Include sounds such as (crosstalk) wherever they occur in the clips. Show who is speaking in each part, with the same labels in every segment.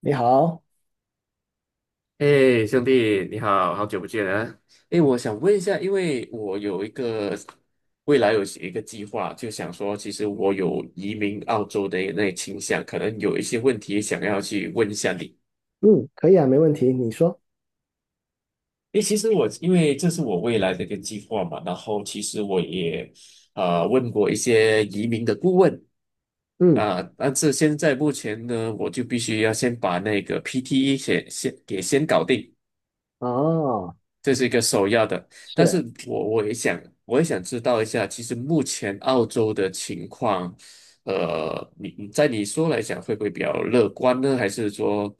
Speaker 1: 你好。
Speaker 2: 哎，兄弟，你好，好久不见啊！哎，我想问一下，因为我有一个未来有一个计划，就想说，其实我有移民澳洲的那倾向，可能有一些问题想要去问一下你。
Speaker 1: 嗯，可以啊，没问题。你说。
Speaker 2: 哎，其实我因为这是我未来的一个计划嘛，然后其实我也问过一些移民的顾问
Speaker 1: 嗯。
Speaker 2: 啊，但是现在目前呢，我就必须要先把那个 PTE 先搞定。
Speaker 1: 哦。
Speaker 2: 这是一个首要的，但
Speaker 1: 是。
Speaker 2: 是我也想知道一下，其实目前澳洲的情况，你来讲，会不会比较乐观呢？还是说，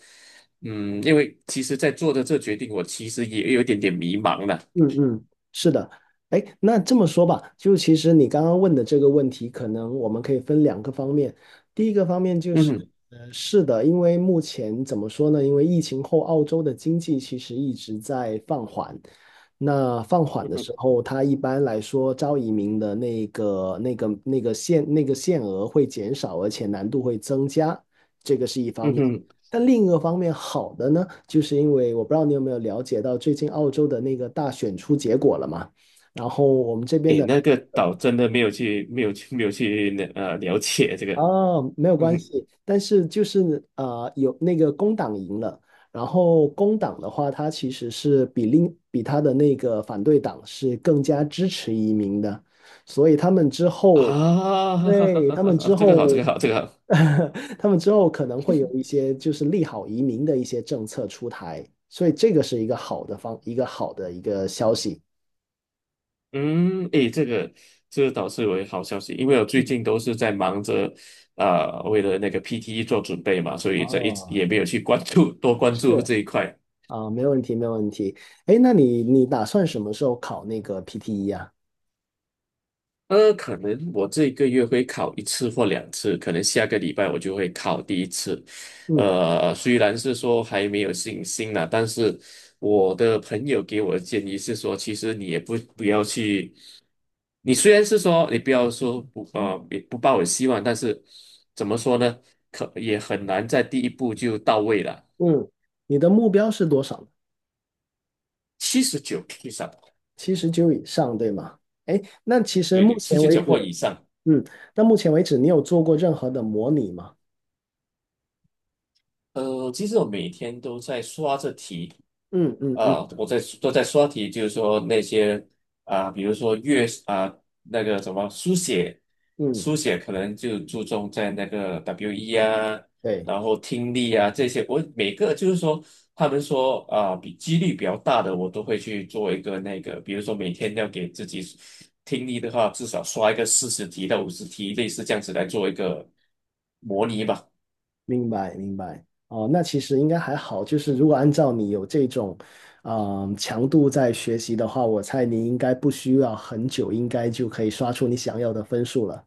Speaker 2: 因为其实，在做的这决定，我其实也有一点点迷茫了。
Speaker 1: 嗯嗯。是的。哎，那这么说吧，就其实你刚刚问的这个问题，可能我们可以分两个方面。第一个方面就
Speaker 2: 嗯
Speaker 1: 是，
Speaker 2: 哼，
Speaker 1: 是的，因为目前怎么说呢？因为疫情后，澳洲的经济其实一直在放缓。那放缓
Speaker 2: 嗯
Speaker 1: 的
Speaker 2: 哼，
Speaker 1: 时候，它一般来说招移民的那个、那个、那个限、那个限额会减少，而且难度会增加。这个是一方
Speaker 2: 嗯
Speaker 1: 面。
Speaker 2: 哼，
Speaker 1: 但另一个方面好的呢，就是因为我不知道你有没有了解到最近澳洲的那个大选出结果了嘛，然后我们这边
Speaker 2: 诶，
Speaker 1: 的
Speaker 2: 那个岛真的没有去了了解这个，
Speaker 1: 啊没有
Speaker 2: 嗯
Speaker 1: 关
Speaker 2: 哼，
Speaker 1: 系，但是就是有那个工党赢了，然后工党的话，它其实是比它的那个反对党是更加支持移民的，所以他们之后
Speaker 2: 啊，
Speaker 1: 对，他们之
Speaker 2: (laughs) 这个
Speaker 1: 后，
Speaker 2: 好，这个好，这个好。
Speaker 1: (laughs) 他们之后可能会有一些就是利好移民的一些政策出台，所以这个是一个好的方，一个好的一个消息。
Speaker 2: 嗯，诶，这个倒是有好消息，因为我最
Speaker 1: 嗯。
Speaker 2: 近都是在忙着，为了那个 PTE 做准备嘛，所以这一直
Speaker 1: 哦，
Speaker 2: 也没有去关注多关注
Speaker 1: 是
Speaker 2: 这一块。
Speaker 1: 啊，没问题，没问题。哎，那你打算什么时候考那个 PTE 啊？
Speaker 2: 可能我这个月会考一次或两次，可能下个礼拜我就会考第一次。
Speaker 1: 嗯
Speaker 2: 虽然是说还没有信心了，但是我的朋友给我的建议是说，其实你也不要去，你虽然是说你不要说不也不抱有希望，但是怎么说呢，可也很难在第一步就到位了，
Speaker 1: 嗯。你的目标是多少呢？
Speaker 2: 七十九以上，
Speaker 1: 七十九以上，对吗？哎，那其实
Speaker 2: 对对，
Speaker 1: 目
Speaker 2: 七
Speaker 1: 前
Speaker 2: 十
Speaker 1: 为
Speaker 2: 九或
Speaker 1: 止，
Speaker 2: 以上。
Speaker 1: 嗯，那目前为止你有做过任何的模拟吗？
Speaker 2: 其实我每天都在刷着题。
Speaker 1: 嗯嗯嗯
Speaker 2: 啊，都在刷题，就是说那些啊，比如说阅啊那个什么书写，
Speaker 1: 嗯。
Speaker 2: 书写可能就注重在那个 WE 啊，
Speaker 1: 对。
Speaker 2: 然后听力啊这些，我每个就是说他们说啊比几率比较大的，我都会去做一个那个，比如说每天要给自己听力的话，至少刷一个40题到50题，类似这样子来做一个模拟吧。
Speaker 1: 明白，明白。哦，那其实应该还好。就是如果按照你有这种，嗯，强度在学习的话，我猜你应该不需要很久，应该就可以刷出你想要的分数了。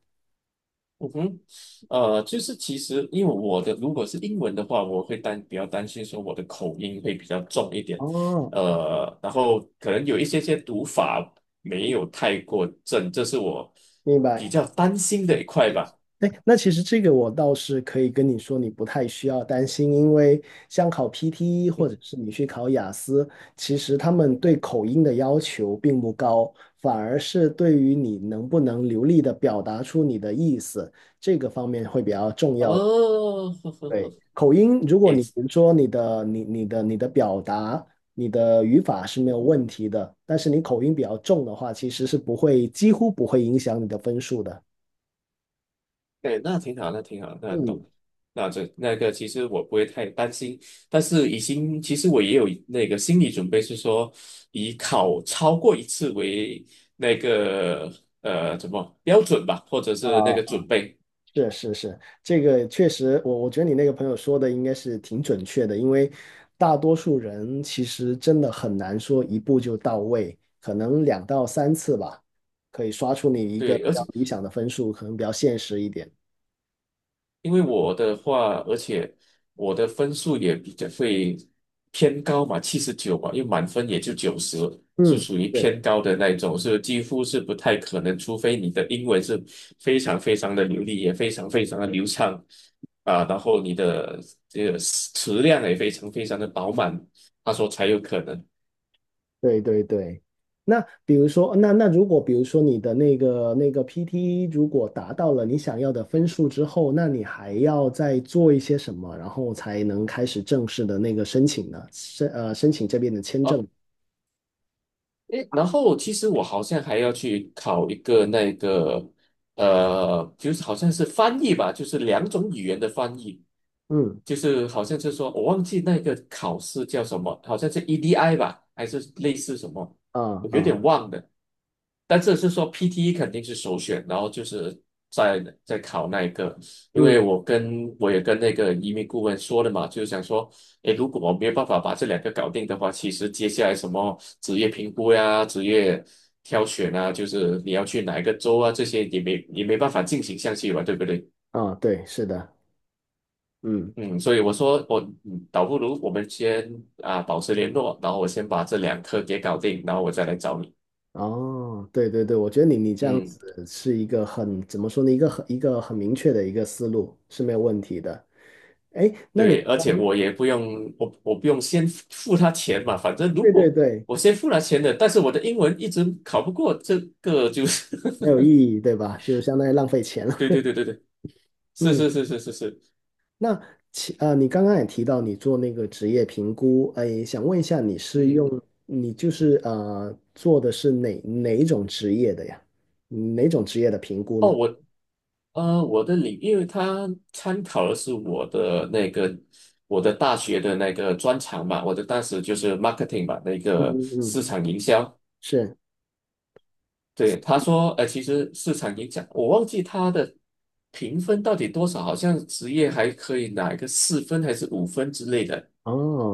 Speaker 2: 嗯哼，就是其实因为如果是英文的话，我会比较担心说我的口音会比较重一点，
Speaker 1: 哦，
Speaker 2: 然后可能有一些读法没有太过正，这是我
Speaker 1: 明
Speaker 2: 比
Speaker 1: 白。
Speaker 2: 较担心的一块吧。
Speaker 1: 哎，那其实这个我倒是可以跟你说，你不太需要担心，因为像考 PTE
Speaker 2: 嗯
Speaker 1: 或者
Speaker 2: 哼
Speaker 1: 是你去考雅思，其实他们对口音的要求并不高，反而是对于你能不能流利的表达出你的意思，这个方面会比较重要。
Speaker 2: 哦，(laughs) 呵呵
Speaker 1: 对，
Speaker 2: 呵，
Speaker 1: 口音，如果
Speaker 2: 诶，
Speaker 1: 你比如说你的表达、你的语法是没有问题的，但是你口音比较重的话，其实是不会，几乎不会影响你的分数的。
Speaker 2: 对，那挺好，那挺好，那懂，
Speaker 1: 嗯。
Speaker 2: 那个其实我不会太担心，但是已经其实我也有那个心理准备，是说以考超过一次为那个怎么标准吧，或者是那个
Speaker 1: 啊，
Speaker 2: 准备。
Speaker 1: 是是是，这个确实，我觉得你那个朋友说的应该是挺准确的，因为大多数人其实真的很难说一步就到位，可能两到三次吧，可以刷出你一个
Speaker 2: 对，
Speaker 1: 比较理想的分数，可能比较现实一点。
Speaker 2: 而且我的分数也比较会偏高嘛，七十九嘛，因为满分也就90，是
Speaker 1: 嗯。
Speaker 2: 属于
Speaker 1: 是。
Speaker 2: 偏高的那一种，是几乎是不太可能，除非你的英文是非常非常的流利，也非常非常的流畅啊，然后你的这个词量也非常非常的饱满，他说才有可能。
Speaker 1: 对对对，那比如说，那如果比如说你的那个 PT 如果达到了你想要的分数之后，那你还要再做一些什么，然后才能开始正式的那个申请呢？申请这边的签
Speaker 2: 哦
Speaker 1: 证。
Speaker 2: 诶，然后其实我好像还要去考一个那个，就是好像是翻译吧，就是两种语言的翻译，
Speaker 1: 嗯
Speaker 2: 就是好像是说我忘记那个考试叫什么，好像是 EDI 吧，还是类似什么？
Speaker 1: 啊
Speaker 2: 我有
Speaker 1: 啊
Speaker 2: 点忘了，但这是说 PTE 肯定是首选，然后就是在考那一个，因为
Speaker 1: 嗯
Speaker 2: 我也跟那个移民顾问说了嘛，就是想说，诶，如果我没有办法把这两个搞定的话，其实接下来什么职业评估呀、职业挑选啊，就是你要去哪一个州啊，这些也没办法进行下去吧，对不对？
Speaker 1: 啊，对，是的。嗯。
Speaker 2: 嗯，所以我说倒不如我们先保持联络，然后我先把这两科给搞定，然后我再来找你。
Speaker 1: 哦，对对对，我觉得你你这样
Speaker 2: 嗯。
Speaker 1: 子是一个很怎么说呢，一个很明确的一个思路是没有问题的。哎，那你
Speaker 2: 对，而且我也不用，我不用先付他钱嘛，反正如
Speaker 1: 对对
Speaker 2: 果
Speaker 1: 对，
Speaker 2: 我先付了钱的，但是我的英文一直考不过，这个就是，
Speaker 1: 没有意义，对吧？就相当于浪费钱了。
Speaker 2: (laughs) 对对对对对，是
Speaker 1: 嗯。
Speaker 2: 是是是是是，
Speaker 1: 那你刚刚也提到你做那个职业评估，哎，想问一下，你是
Speaker 2: 嗯，
Speaker 1: 用你就是做的是哪一种职业的呀？哪种职业的评估
Speaker 2: 哦，
Speaker 1: 呢？
Speaker 2: 我呃我的领，因为他参考的是我的大学的那个专长嘛，我的当时就是 marketing 嘛，那
Speaker 1: 嗯
Speaker 2: 个
Speaker 1: 嗯嗯。
Speaker 2: 市场营销，
Speaker 1: 是。
Speaker 2: 对，他说，其实市场影响，我忘记他的评分到底多少，好像职业还可以拿一个4分还是5分之类的，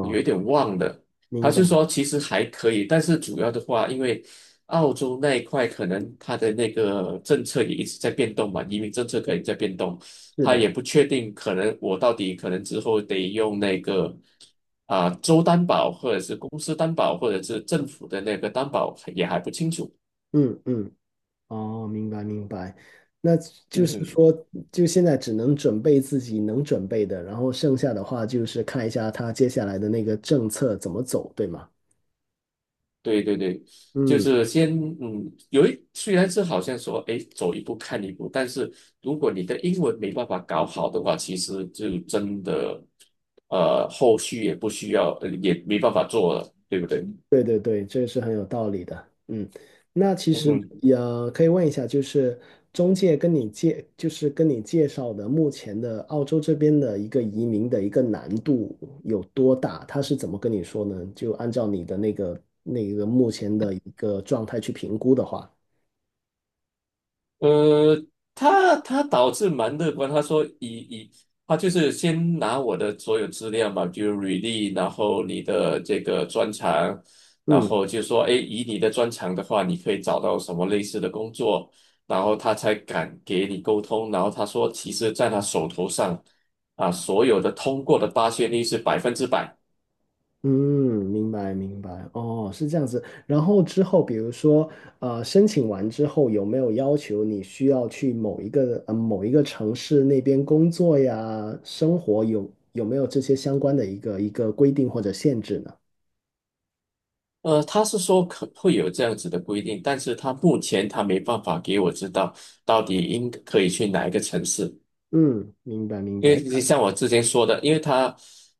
Speaker 2: 有一点忘了。他
Speaker 1: 明白。
Speaker 2: 就说其实还可以，但是主要的话，因为澳洲那一块可能他的那个政策也一直在变动嘛，移民政策可能
Speaker 1: 对，
Speaker 2: 在变动，
Speaker 1: 是
Speaker 2: 他
Speaker 1: 的。
Speaker 2: 也不确定，可能我到底可能之后得用那个州担保，或者是公司担保，或者是政府的那个担保，也还不清楚。
Speaker 1: 嗯嗯。哦，明白明白。那就
Speaker 2: 嗯
Speaker 1: 是
Speaker 2: 哼。
Speaker 1: 说，就现在只能准备自己能准备的，然后剩下的话就是看一下他接下来的那个政策怎么走，对吗？
Speaker 2: 对对对，就
Speaker 1: 嗯。
Speaker 2: 是先虽然是好像说哎走一步看一步，但是如果你的英文没办法搞好的话，其实就真的后续也不需要，也没办法做了，对不对？
Speaker 1: 对对对，这是很有道理的。嗯，那其
Speaker 2: 嗯
Speaker 1: 实
Speaker 2: 哼。
Speaker 1: 也可以问一下，就是中介跟你介，就是跟你介绍的目前的澳洲这边的一个移民的一个难度有多大？他是怎么跟你说呢？就按照你的那个目前的一个状态去评估的话，
Speaker 2: 呃，他导致蛮乐观，他说他就是先拿我的所有资料嘛，比如履历，然后你的这个专长，然
Speaker 1: 嗯
Speaker 2: 后就说，哎，以你的专长的话，你可以找到什么类似的工作，然后他才敢给你沟通。然后他说，其实在他手头上啊，所有的通过的发现率是100%。
Speaker 1: 嗯，明白明白。哦，是这样子。然后之后，比如说，申请完之后，有没有要求你需要去某一个城市那边工作呀、生活有没有这些相关的一个规定或者限制呢？
Speaker 2: 他是说可会有这样子的规定，但是他目前他没办法给我知道到底应可以去哪一个城市。
Speaker 1: 嗯，明白明
Speaker 2: 因
Speaker 1: 白。
Speaker 2: 为就像我之前说的，因为他，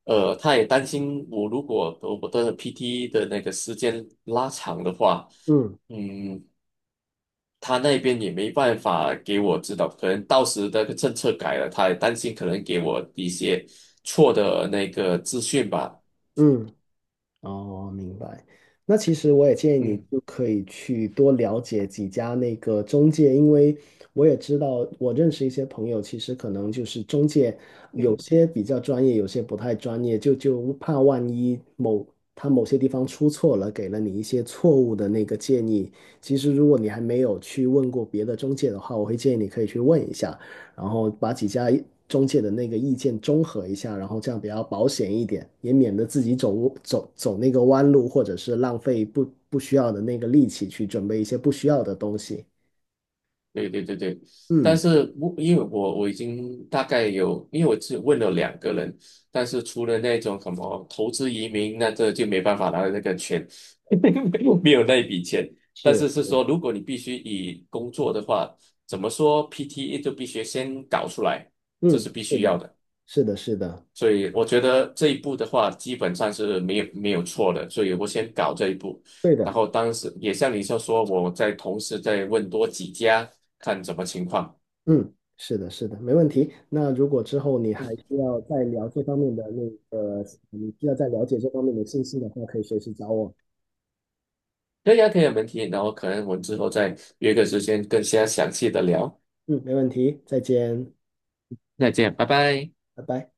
Speaker 2: 他也担心我如果我的 PT 的那个时间拉长的话，
Speaker 1: 嗯
Speaker 2: 嗯，他那边也没办法给我指导，可能到时那个政策改了，他也担心可能给我一些错的那个资讯吧。
Speaker 1: 嗯。哦，明白。那其实我也建议你
Speaker 2: 嗯
Speaker 1: 就可以去多了解几家那个中介，因为我也知道，我认识一些朋友，其实可能就是中介有
Speaker 2: 嗯。
Speaker 1: 些比较专业，有些不太专业，就怕万一某他某些地方出错了，给了你一些错误的那个建议。其实如果你还没有去问过别的中介的话，我会建议你可以去问一下。然后把几家中介的那个意见综合一下，然后这样比较保险一点，也免得自己走那个弯路，或者是浪费不需要的那个力气去准备一些不需要的东西。
Speaker 2: 对对对对，但
Speaker 1: 嗯。
Speaker 2: 是我因为我已经大概有，因为我只问了两个人，但是除了那种什么投资移民，那这就没办法拿到那个钱，(laughs) 没有那一笔钱。但
Speaker 1: 是。
Speaker 2: 是是说，如果你必须以工作的话，怎么说 PTE 就必须先搞出来，这
Speaker 1: 嗯，
Speaker 2: 是必
Speaker 1: 是
Speaker 2: 须要
Speaker 1: 的，
Speaker 2: 的。
Speaker 1: 是的，是的。
Speaker 2: 所以我觉得这一步的话，基本上是没有错的。所以我先搞这一步，
Speaker 1: 对
Speaker 2: 然
Speaker 1: 的。
Speaker 2: 后当时也像你说，我在同时再问多几家，看怎么情况。
Speaker 1: 嗯，是的，是的，没问题。那如果之后你还需要再聊这方面的那个，你需要再了解这方面的信息的话，可以随时找我。
Speaker 2: 可以啊，可以啊没问题。然后可能我们之后再约个时间更加详细的聊。
Speaker 1: 嗯，没问题，再见，
Speaker 2: 再见，拜拜。
Speaker 1: 拜拜。